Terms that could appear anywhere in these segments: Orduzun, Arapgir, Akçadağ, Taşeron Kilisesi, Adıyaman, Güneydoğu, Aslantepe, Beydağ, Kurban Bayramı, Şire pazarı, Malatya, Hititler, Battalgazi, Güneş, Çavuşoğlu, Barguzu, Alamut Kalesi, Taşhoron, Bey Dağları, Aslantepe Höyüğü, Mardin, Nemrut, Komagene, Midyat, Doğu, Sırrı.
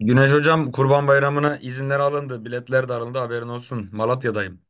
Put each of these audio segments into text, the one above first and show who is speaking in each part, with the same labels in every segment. Speaker 1: Güneş hocam Kurban Bayramı'na izinler alındı. Biletler de alındı haberin olsun. Malatya'dayım.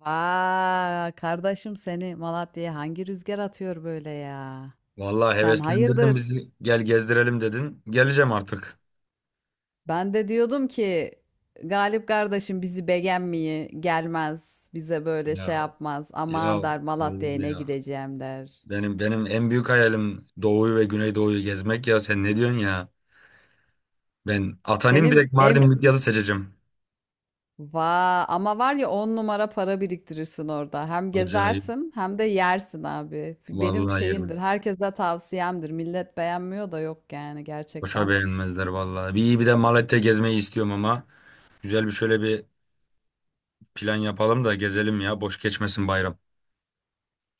Speaker 2: Vaa kardeşim seni Malatya'ya hangi rüzgar atıyor böyle ya?
Speaker 1: Vallahi
Speaker 2: Sen
Speaker 1: heveslendirdin
Speaker 2: hayırdır?
Speaker 1: bizi. Gel gezdirelim dedin. Geleceğim artık.
Speaker 2: Ben de diyordum ki Galip kardeşim bizi beğenmeyi gelmez. Bize böyle
Speaker 1: Ya
Speaker 2: şey yapmaz.
Speaker 1: ya,
Speaker 2: Aman der
Speaker 1: olur
Speaker 2: Malatya'ya ne
Speaker 1: ya?
Speaker 2: gideceğim der.
Speaker 1: Benim en büyük hayalim Doğu'yu ve Güneydoğu'yu gezmek ya. Sen ne diyorsun ya? Ben atanayım
Speaker 2: Senin
Speaker 1: direkt Mardin Midyat'ı seçeceğim.
Speaker 2: va ama var ya on numara para biriktirirsin orada. Hem
Speaker 1: Acayip.
Speaker 2: gezersin hem de yersin abi. Benim
Speaker 1: Vallahi
Speaker 2: şeyimdir.
Speaker 1: yerim.
Speaker 2: Herkese tavsiyemdir. Millet beğenmiyor da yok yani
Speaker 1: Boşa
Speaker 2: gerçekten.
Speaker 1: beğenmezler vallahi. Bir iyi bir de Malatya gezmeyi istiyorum ama güzel bir şöyle bir plan yapalım da gezelim ya. Boş geçmesin bayram.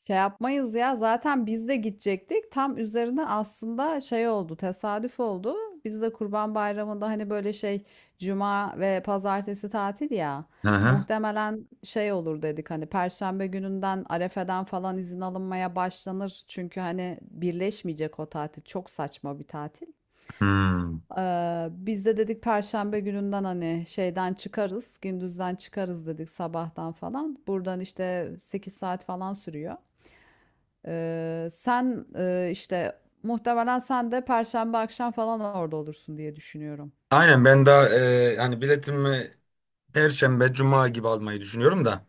Speaker 2: Şey yapmayız ya zaten biz de gidecektik. Tam üzerine aslında şey oldu, tesadüf oldu. Biz de Kurban Bayramı'nda hani böyle şey cuma ve pazartesi tatil ya.
Speaker 1: Hı hı.
Speaker 2: Muhtemelen şey olur dedik hani Perşembe gününden Arefe'den falan izin alınmaya başlanır. Çünkü hani birleşmeyecek o tatil. Çok saçma bir tatil.
Speaker 1: Hmm.
Speaker 2: Biz de dedik Perşembe gününden hani şeyden çıkarız, gündüzden çıkarız dedik sabahtan falan. Buradan işte 8 saat falan sürüyor. Sen işte muhtemelen sen de Perşembe akşam falan orada olursun diye düşünüyorum.
Speaker 1: Aynen ben daha hani biletimi Perşembe, Cuma gibi almayı düşünüyorum da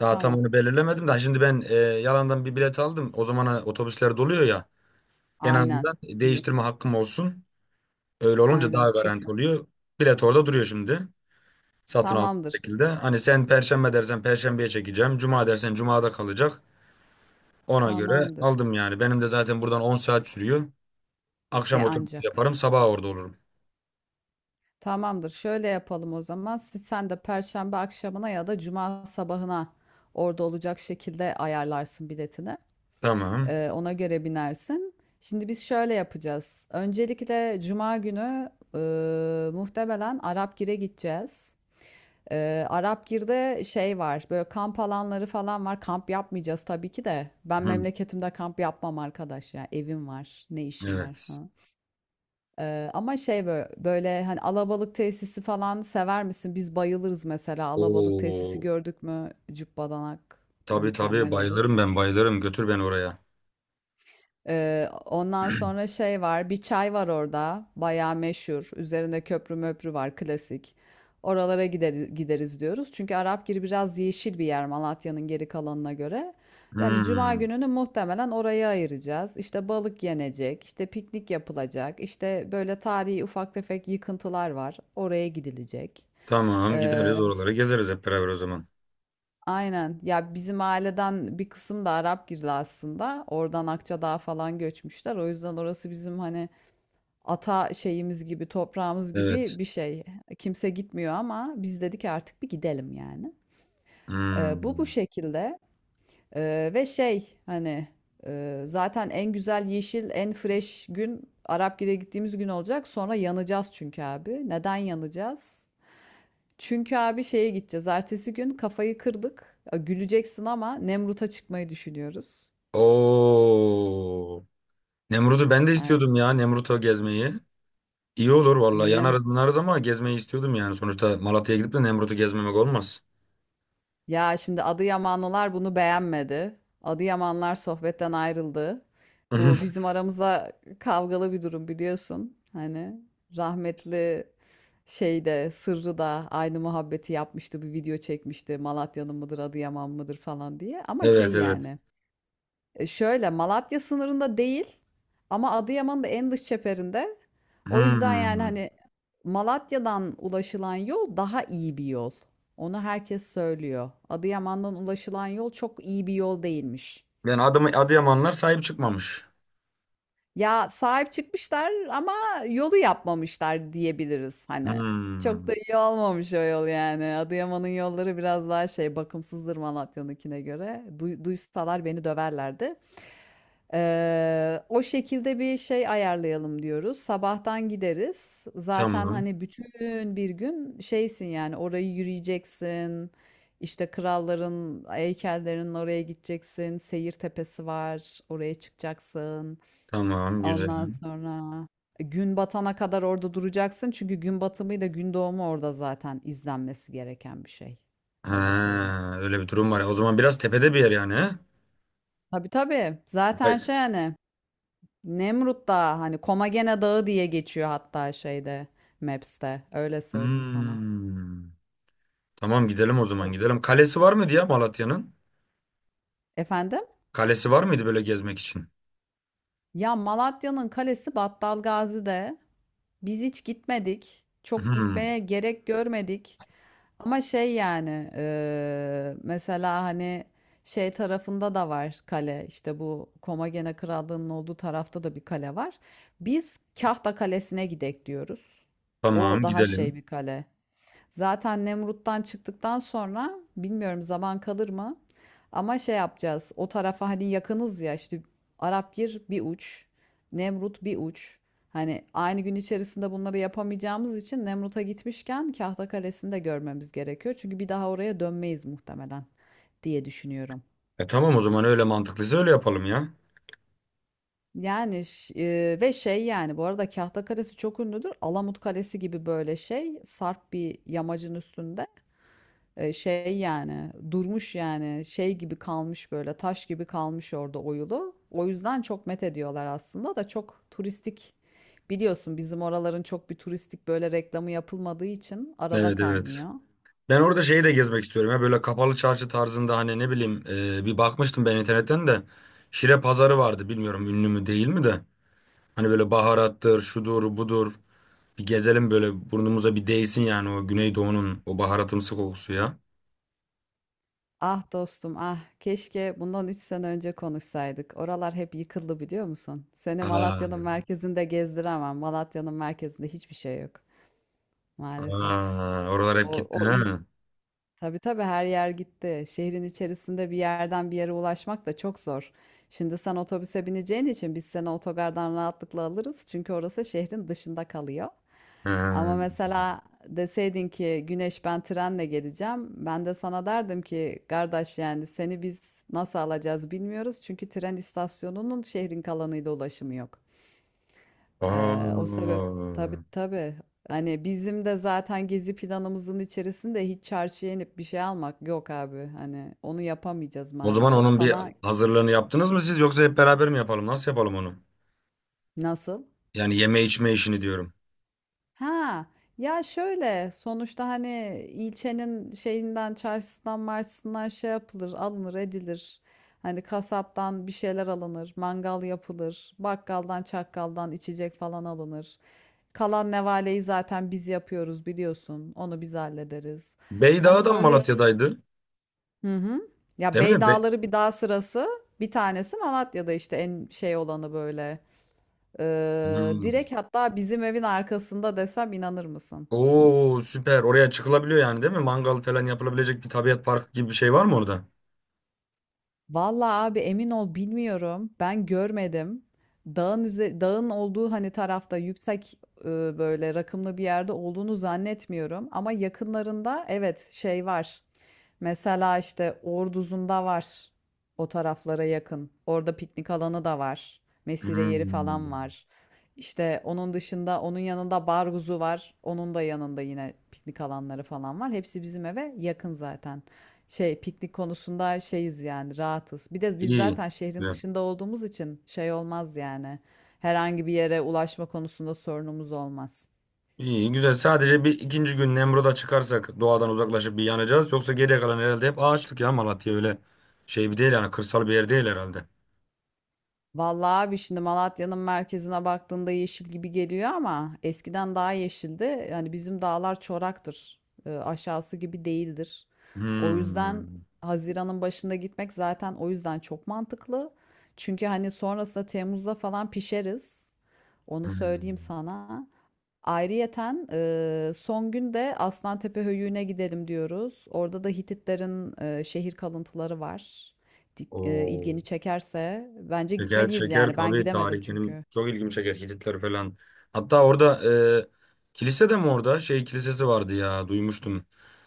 Speaker 1: daha tam
Speaker 2: Tamam.
Speaker 1: onu belirlemedim de şimdi ben yalandan bir bilet aldım. O zamana otobüsler doluyor ya en
Speaker 2: Aynen.
Speaker 1: azından
Speaker 2: İyi.
Speaker 1: değiştirme hakkım olsun. Öyle olunca daha
Speaker 2: Aynen. Çok
Speaker 1: garanti
Speaker 2: mu?
Speaker 1: oluyor. Bilet orada duruyor şimdi satın aldım
Speaker 2: Tamamdır.
Speaker 1: şekilde. Hani sen Perşembe dersen Perşembeye çekeceğim. Cuma dersen Cuma'da kalacak. Ona göre
Speaker 2: Tamamdır.
Speaker 1: aldım yani. Benim de zaten buradan 10 saat sürüyor.
Speaker 2: E
Speaker 1: Akşam otobüsü
Speaker 2: ancak.
Speaker 1: yaparım sabah orada olurum.
Speaker 2: Tamamdır. Şöyle yapalım o zaman. Sen de Perşembe akşamına ya da Cuma sabahına orada olacak şekilde ayarlarsın biletini.
Speaker 1: Tamam.
Speaker 2: Ona göre binersin. Şimdi biz şöyle yapacağız. Öncelikle Cuma günü muhtemelen Arapgir'e gideceğiz. Arapgir'de şey var böyle kamp alanları falan var, kamp yapmayacağız tabii ki de, ben
Speaker 1: Hı,
Speaker 2: memleketimde kamp yapmam arkadaş ya, evim var ne işim var
Speaker 1: evet.
Speaker 2: falan. Ama şey böyle, böyle hani alabalık tesisi falan sever misin, biz bayılırız mesela alabalık tesisi
Speaker 1: Oo.
Speaker 2: gördük mü cübbadanak
Speaker 1: Tabii tabii
Speaker 2: mükemmel
Speaker 1: bayılırım
Speaker 2: olur.
Speaker 1: ben bayılırım. Götür beni oraya.
Speaker 2: Ondan sonra şey var, bir çay var orada, bayağı meşhur. Üzerinde köprü möprü var, klasik. Oralara gideriz, gideriz diyoruz. Çünkü Arapgiri biraz yeşil bir yer Malatya'nın geri kalanına göre. Yani cuma
Speaker 1: Hmm.
Speaker 2: gününü muhtemelen oraya ayıracağız. İşte balık yenecek, işte piknik yapılacak, işte böyle tarihi ufak tefek yıkıntılar var. Oraya gidilecek.
Speaker 1: Tamam gideriz
Speaker 2: Ee,
Speaker 1: oraları gezeriz hep beraber o zaman.
Speaker 2: aynen. Ya bizim aileden bir kısım da Arap girdi aslında. Oradan Akçadağ falan göçmüşler. O yüzden orası bizim hani ata şeyimiz gibi, toprağımız
Speaker 1: Evet.
Speaker 2: gibi bir şey. Kimse gitmiyor ama biz dedik artık bir gidelim yani. Bu
Speaker 1: Hmm.
Speaker 2: şekilde. Ve şey hani, zaten en güzel yeşil, en fresh gün Arapgir'e gittiğimiz gün olacak. Sonra yanacağız çünkü abi. Neden yanacağız? Çünkü abi şeye gideceğiz. Ertesi gün kafayı kırdık. Ya, güleceksin ama Nemrut'a çıkmayı düşünüyoruz.
Speaker 1: Oo. Nemrut'u ben de
Speaker 2: Aynen.
Speaker 1: istiyordum ya, Nemrut'u gezmeyi. İyi olur vallahi,
Speaker 2: Nem-
Speaker 1: yanarız bunarız ama gezmeyi istiyordum yani. Sonuçta Malatya'ya gidip de Nemrut'u gezmemek olmaz.
Speaker 2: Ya şimdi Adıyamanlılar bunu beğenmedi. Adıyamanlar sohbetten ayrıldı. Bu bizim aramızda kavgalı bir durum biliyorsun. Hani rahmetli şey de Sırrı da aynı muhabbeti yapmıştı. Bir video çekmişti. Malatya'nın mıdır, Adıyaman mıdır falan diye. Ama
Speaker 1: Evet,
Speaker 2: şey
Speaker 1: evet.
Speaker 2: yani. Şöyle Malatya sınırında değil ama Adıyaman'ın da en dış çeperinde. O yüzden yani
Speaker 1: Hmm.
Speaker 2: hani Malatya'dan ulaşılan yol daha iyi bir yol. Onu herkes söylüyor. Adıyaman'dan ulaşılan yol çok iyi bir yol değilmiş.
Speaker 1: Yani Adım Adıyamanlar sahip çıkmamış.
Speaker 2: Ya sahip çıkmışlar ama yolu yapmamışlar diyebiliriz hani.
Speaker 1: Hmm.
Speaker 2: Çok da iyi olmamış o yol yani. Adıyaman'ın yolları biraz daha şey bakımsızdır Malatya'nınkine göre. Duysalar beni döverlerdi. O şekilde bir şey ayarlayalım diyoruz. Sabahtan gideriz. Zaten
Speaker 1: Tamam.
Speaker 2: hani bütün bir gün şeysin yani, orayı yürüyeceksin. İşte kralların heykellerinin oraya gideceksin. Seyir tepesi var. Oraya çıkacaksın.
Speaker 1: Tamam güzel.
Speaker 2: Ondan sonra gün batana kadar orada duracaksın. Çünkü gün batımıyla gün doğumu orada zaten izlenmesi gereken bir şey. Öyle söyleyeyim sana.
Speaker 1: Ha, öyle bir durum var ya. O zaman biraz tepede bir yer yani, he?
Speaker 2: Tabii tabii.
Speaker 1: Hay-
Speaker 2: Zaten şey hani Nemrut Dağı hani Komagene Dağı diye geçiyor hatta şeyde Maps'te. Öyle söyleyeyim sana.
Speaker 1: Hmm. Tamam gidelim, o
Speaker 2: O-
Speaker 1: zaman gidelim. Kalesi var mıydı ya Malatya'nın?
Speaker 2: Efendim?
Speaker 1: Kalesi var mıydı böyle gezmek için?
Speaker 2: Ya Malatya'nın kalesi Battalgazi'de. Biz hiç gitmedik. Çok
Speaker 1: Hmm.
Speaker 2: gitmeye gerek görmedik. Ama şey yani mesela hani şey tarafında da var kale, işte bu Komagene Krallığı'nın olduğu tarafta da bir kale var. Biz Kahta Kalesi'ne gidek diyoruz. O
Speaker 1: Tamam
Speaker 2: daha şey
Speaker 1: gidelim.
Speaker 2: bir kale. Zaten Nemrut'tan çıktıktan sonra bilmiyorum zaman kalır mı? Ama şey yapacağız. O tarafa hani yakınız ya, işte Arapgir bir uç, Nemrut bir uç. Hani aynı gün içerisinde bunları yapamayacağımız için Nemrut'a gitmişken Kahta Kalesi'ni de görmemiz gerekiyor. Çünkü bir daha oraya dönmeyiz muhtemelen diye düşünüyorum.
Speaker 1: E tamam, o zaman öyle mantıklıysa öyle yapalım ya.
Speaker 2: Yani ve şey yani bu arada Kahta Kalesi çok ünlüdür. Alamut Kalesi gibi böyle şey sarp bir yamacın üstünde. Şey yani durmuş yani şey gibi kalmış böyle taş gibi kalmış orada oyulu. O yüzden çok met ediyorlar aslında da çok turistik, biliyorsun bizim oraların çok bir turistik böyle reklamı yapılmadığı için arada
Speaker 1: Evet, evet.
Speaker 2: kaynıyor.
Speaker 1: Ben orada şeyi de gezmek istiyorum ya, böyle kapalı çarşı tarzında, hani ne bileyim, bir bakmıştım ben internetten de. Şire pazarı vardı, bilmiyorum ünlü mü değil mi de, hani böyle baharattır şudur budur, bir gezelim böyle burnumuza bir değsin yani, o Güneydoğu'nun o baharatımsı kokusu ya.
Speaker 2: Ah dostum ah keşke bundan 3 sene önce konuşsaydık. Oralar hep yıkıldı biliyor musun? Seni Malatya'nın
Speaker 1: Aa.
Speaker 2: merkezinde gezdiremem. Malatya'nın merkezinde hiçbir şey yok maalesef.
Speaker 1: Aa, oralar
Speaker 2: O,
Speaker 1: hep gitti
Speaker 2: o
Speaker 1: ha.
Speaker 2: iş Tabii tabii her yer gitti. Şehrin içerisinde bir yerden bir yere ulaşmak da çok zor. Şimdi sen otobüse bineceğin için biz seni otogardan rahatlıkla alırız. Çünkü orası şehrin dışında kalıyor. Ama
Speaker 1: Ha.
Speaker 2: mesela deseydin ki Güneş ben trenle geleceğim. Ben de sana derdim ki kardeş yani seni biz nasıl alacağız bilmiyoruz. Çünkü tren istasyonunun şehrin kalanıyla ulaşımı yok. O sebep
Speaker 1: Aa.
Speaker 2: Tabii tabii. Hani bizim de zaten gezi planımızın içerisinde hiç çarşıya inip bir şey almak yok abi. Hani onu yapamayacağız
Speaker 1: O zaman
Speaker 2: maalesef.
Speaker 1: onun bir
Speaker 2: Sana
Speaker 1: hazırlığını yaptınız mı siz, yoksa hep beraber mi yapalım? Nasıl yapalım onu?
Speaker 2: nasıl?
Speaker 1: Yani yeme içme işini diyorum.
Speaker 2: Ha, ya şöyle sonuçta hani ilçenin şeyinden çarşısından marşısından şey yapılır alınır edilir. Hani kasaptan bir şeyler alınır, mangal yapılır, bakkaldan çakkaldan içecek falan alınır. Kalan nevaleyi zaten biz yapıyoruz biliyorsun. Onu biz hallederiz. Hani
Speaker 1: Beydağ'dan
Speaker 2: böyle ş-
Speaker 1: Malatya'daydı.
Speaker 2: hı hı. Ya
Speaker 1: Değil
Speaker 2: Bey
Speaker 1: mi?
Speaker 2: Dağları bir dağ sırası, bir tanesi Malatya'da işte en şey olanı böyle.
Speaker 1: Hmm.
Speaker 2: Direkt hatta bizim evin arkasında desem inanır mısın?
Speaker 1: Oo, süper. Oraya çıkılabiliyor yani değil mi? Mangal falan yapılabilecek bir tabiat parkı gibi bir şey var mı orada?
Speaker 2: Vallahi abi emin ol bilmiyorum. Ben görmedim. Dağın olduğu hani tarafta yüksek e, böyle rakımlı bir yerde olduğunu zannetmiyorum ama yakınlarında evet şey var. Mesela işte Orduzun'da var. O taraflara yakın. Orada piknik alanı da var. Mesire yeri falan
Speaker 1: Hmm.
Speaker 2: var. İşte onun dışında onun yanında Barguzu var. Onun da yanında yine piknik alanları falan var. Hepsi bizim eve yakın zaten. Şey piknik konusunda şeyiz yani, rahatız. Bir de biz
Speaker 1: İyi.
Speaker 2: zaten şehrin dışında olduğumuz için şey olmaz yani. Herhangi bir yere ulaşma konusunda sorunumuz olmaz.
Speaker 1: İyi güzel. Sadece bir ikinci gün Nemrut'a çıkarsak doğadan uzaklaşıp bir yanacağız. Yoksa geriye kalan herhalde hep ağaçlık ya Malatya, öyle şey bir değil yani, kırsal bir yer değil herhalde.
Speaker 2: Vallahi abi şimdi Malatya'nın merkezine baktığında yeşil gibi geliyor ama eskiden daha yeşildi. Yani bizim dağlar çoraktır. Aşağısı gibi değildir. O yüzden
Speaker 1: Hmm.
Speaker 2: Haziran'ın başında gitmek zaten o yüzden çok mantıklı. Çünkü hani sonrasında Temmuz'da falan pişeriz. Onu söyleyeyim
Speaker 1: Hmm.
Speaker 2: sana. Ayrıyeten son gün de Aslantepe Höyüğü'ne gidelim diyoruz. Orada da Hititlerin şehir kalıntıları var.
Speaker 1: Oo.
Speaker 2: İlgini çekerse bence
Speaker 1: Şeker
Speaker 2: gitmeliyiz
Speaker 1: şeker,
Speaker 2: yani. Ben
Speaker 1: tabii
Speaker 2: gidemedim
Speaker 1: tarih benim
Speaker 2: çünkü.
Speaker 1: çok ilgimi çeker, Hititler falan. Hatta orada kilise de mi, orada şey kilisesi vardı ya, duymuştum.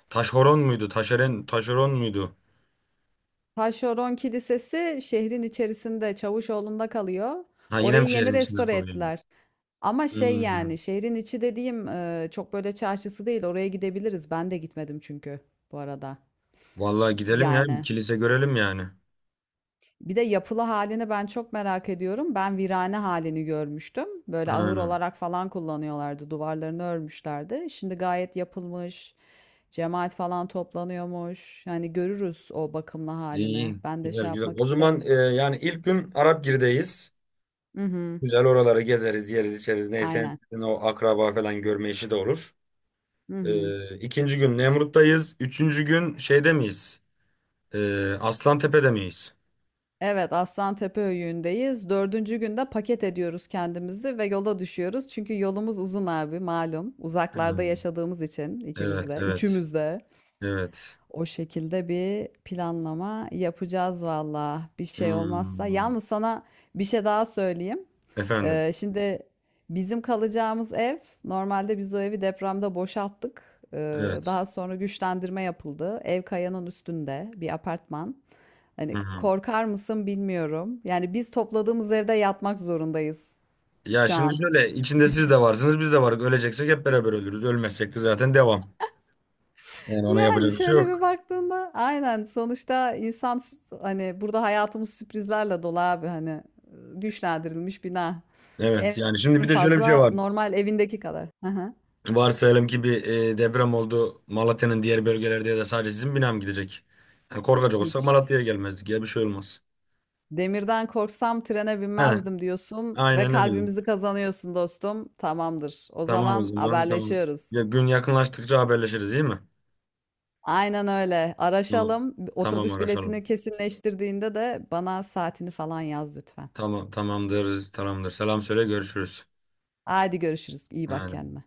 Speaker 1: Taşhoron muydu? Taşeren, Taşeron muydu?
Speaker 2: Taşeron Kilisesi şehrin içerisinde Çavuşoğlu'nda kalıyor.
Speaker 1: Ha, yine
Speaker 2: Orayı
Speaker 1: mi
Speaker 2: yeni
Speaker 1: şehrin içinde
Speaker 2: restore
Speaker 1: kalıyor?
Speaker 2: ettiler. Ama şey
Speaker 1: Hmm.
Speaker 2: yani şehrin içi dediğim çok böyle çarşısı değil. Oraya gidebiliriz. Ben de gitmedim çünkü bu arada.
Speaker 1: Vallahi gidelim ya, bir
Speaker 2: Yani.
Speaker 1: kilise görelim yani.
Speaker 2: Bir de yapılı halini ben çok merak ediyorum. Ben virane halini görmüştüm. Böyle ahır
Speaker 1: Hmm.
Speaker 2: olarak falan kullanıyorlardı. Duvarlarını örmüşlerdi. Şimdi gayet yapılmış. Cemaat falan toplanıyormuş. Yani görürüz o bakımlı halini.
Speaker 1: İyi,
Speaker 2: Ben de
Speaker 1: güzel
Speaker 2: şey
Speaker 1: güzel.
Speaker 2: yapmak
Speaker 1: O zaman
Speaker 2: isterim.
Speaker 1: yani ilk gün Arapgir'deyiz.
Speaker 2: Hı hı.
Speaker 1: Güzel, oraları gezeriz, yeriz, içeriz. Neyse, en
Speaker 2: Aynen.
Speaker 1: sevdiğin o akraba falan görme işi de olur.
Speaker 2: Hı hı.
Speaker 1: İkinci gün Nemrut'tayız. Üçüncü gün şeyde miyiz? E, Aslantepe'de miyiz?
Speaker 2: Evet, Aslantepe Höyüğü'ndeyiz. Dördüncü günde paket ediyoruz kendimizi ve yola düşüyoruz. Çünkü yolumuz uzun abi malum. Uzaklarda
Speaker 1: Hmm.
Speaker 2: yaşadığımız için ikimiz
Speaker 1: Evet,
Speaker 2: de,
Speaker 1: evet,
Speaker 2: üçümüz de.
Speaker 1: evet.
Speaker 2: O şekilde bir planlama yapacağız valla. Bir şey olmazsa.
Speaker 1: Hmm.
Speaker 2: Yalnız sana bir şey daha söyleyeyim.
Speaker 1: Efendim,
Speaker 2: Şimdi bizim kalacağımız ev, normalde biz o evi depremde boşalttık.
Speaker 1: evet.
Speaker 2: Daha sonra güçlendirme yapıldı. Ev kayanın üstünde bir apartman. Hani
Speaker 1: Hı-hı.
Speaker 2: korkar mısın bilmiyorum. Yani biz topladığımız evde yatmak zorundayız
Speaker 1: Ya
Speaker 2: şu
Speaker 1: şimdi
Speaker 2: an.
Speaker 1: şöyle, içinde siz de varsınız, biz de varız. Öleceksek hep beraber ölürüz. Ölmezsek de zaten devam. Yani ona
Speaker 2: Yani
Speaker 1: yapacak bir şey
Speaker 2: şöyle bir
Speaker 1: yok.
Speaker 2: baktığında aynen sonuçta insan hani burada hayatımız sürprizlerle dolu abi hani güçlendirilmiş bina. En
Speaker 1: Evet, yani şimdi
Speaker 2: en
Speaker 1: bir de şöyle bir şey
Speaker 2: fazla
Speaker 1: var.
Speaker 2: normal evindeki kadar. Hı hı.
Speaker 1: Varsayalım ki bir deprem oldu, Malatya'nın diğer bölgelerde ya da sadece sizin bina mı gidecek? Yani korkacak olsak
Speaker 2: Hiç.
Speaker 1: Malatya'ya gelmezdik ya, bir şey olmaz.
Speaker 2: Demirden korksam trene
Speaker 1: He,
Speaker 2: binmezdim diyorsun ve
Speaker 1: aynen öyle.
Speaker 2: kalbimizi kazanıyorsun dostum. Tamamdır. O
Speaker 1: Tamam o
Speaker 2: zaman
Speaker 1: zaman, tamam.
Speaker 2: haberleşiyoruz.
Speaker 1: Ya, gün yakınlaştıkça haberleşiriz değil mi?
Speaker 2: Aynen öyle.
Speaker 1: Tamam.
Speaker 2: Araşalım.
Speaker 1: Tamam,
Speaker 2: Otobüs biletini
Speaker 1: araşalım.
Speaker 2: kesinleştirdiğinde de bana saatini falan yaz lütfen.
Speaker 1: Tamam, tamamdır, tamamdır. Selam söyle, görüşürüz.
Speaker 2: Haydi görüşürüz. İyi bak
Speaker 1: Hadi.
Speaker 2: kendine.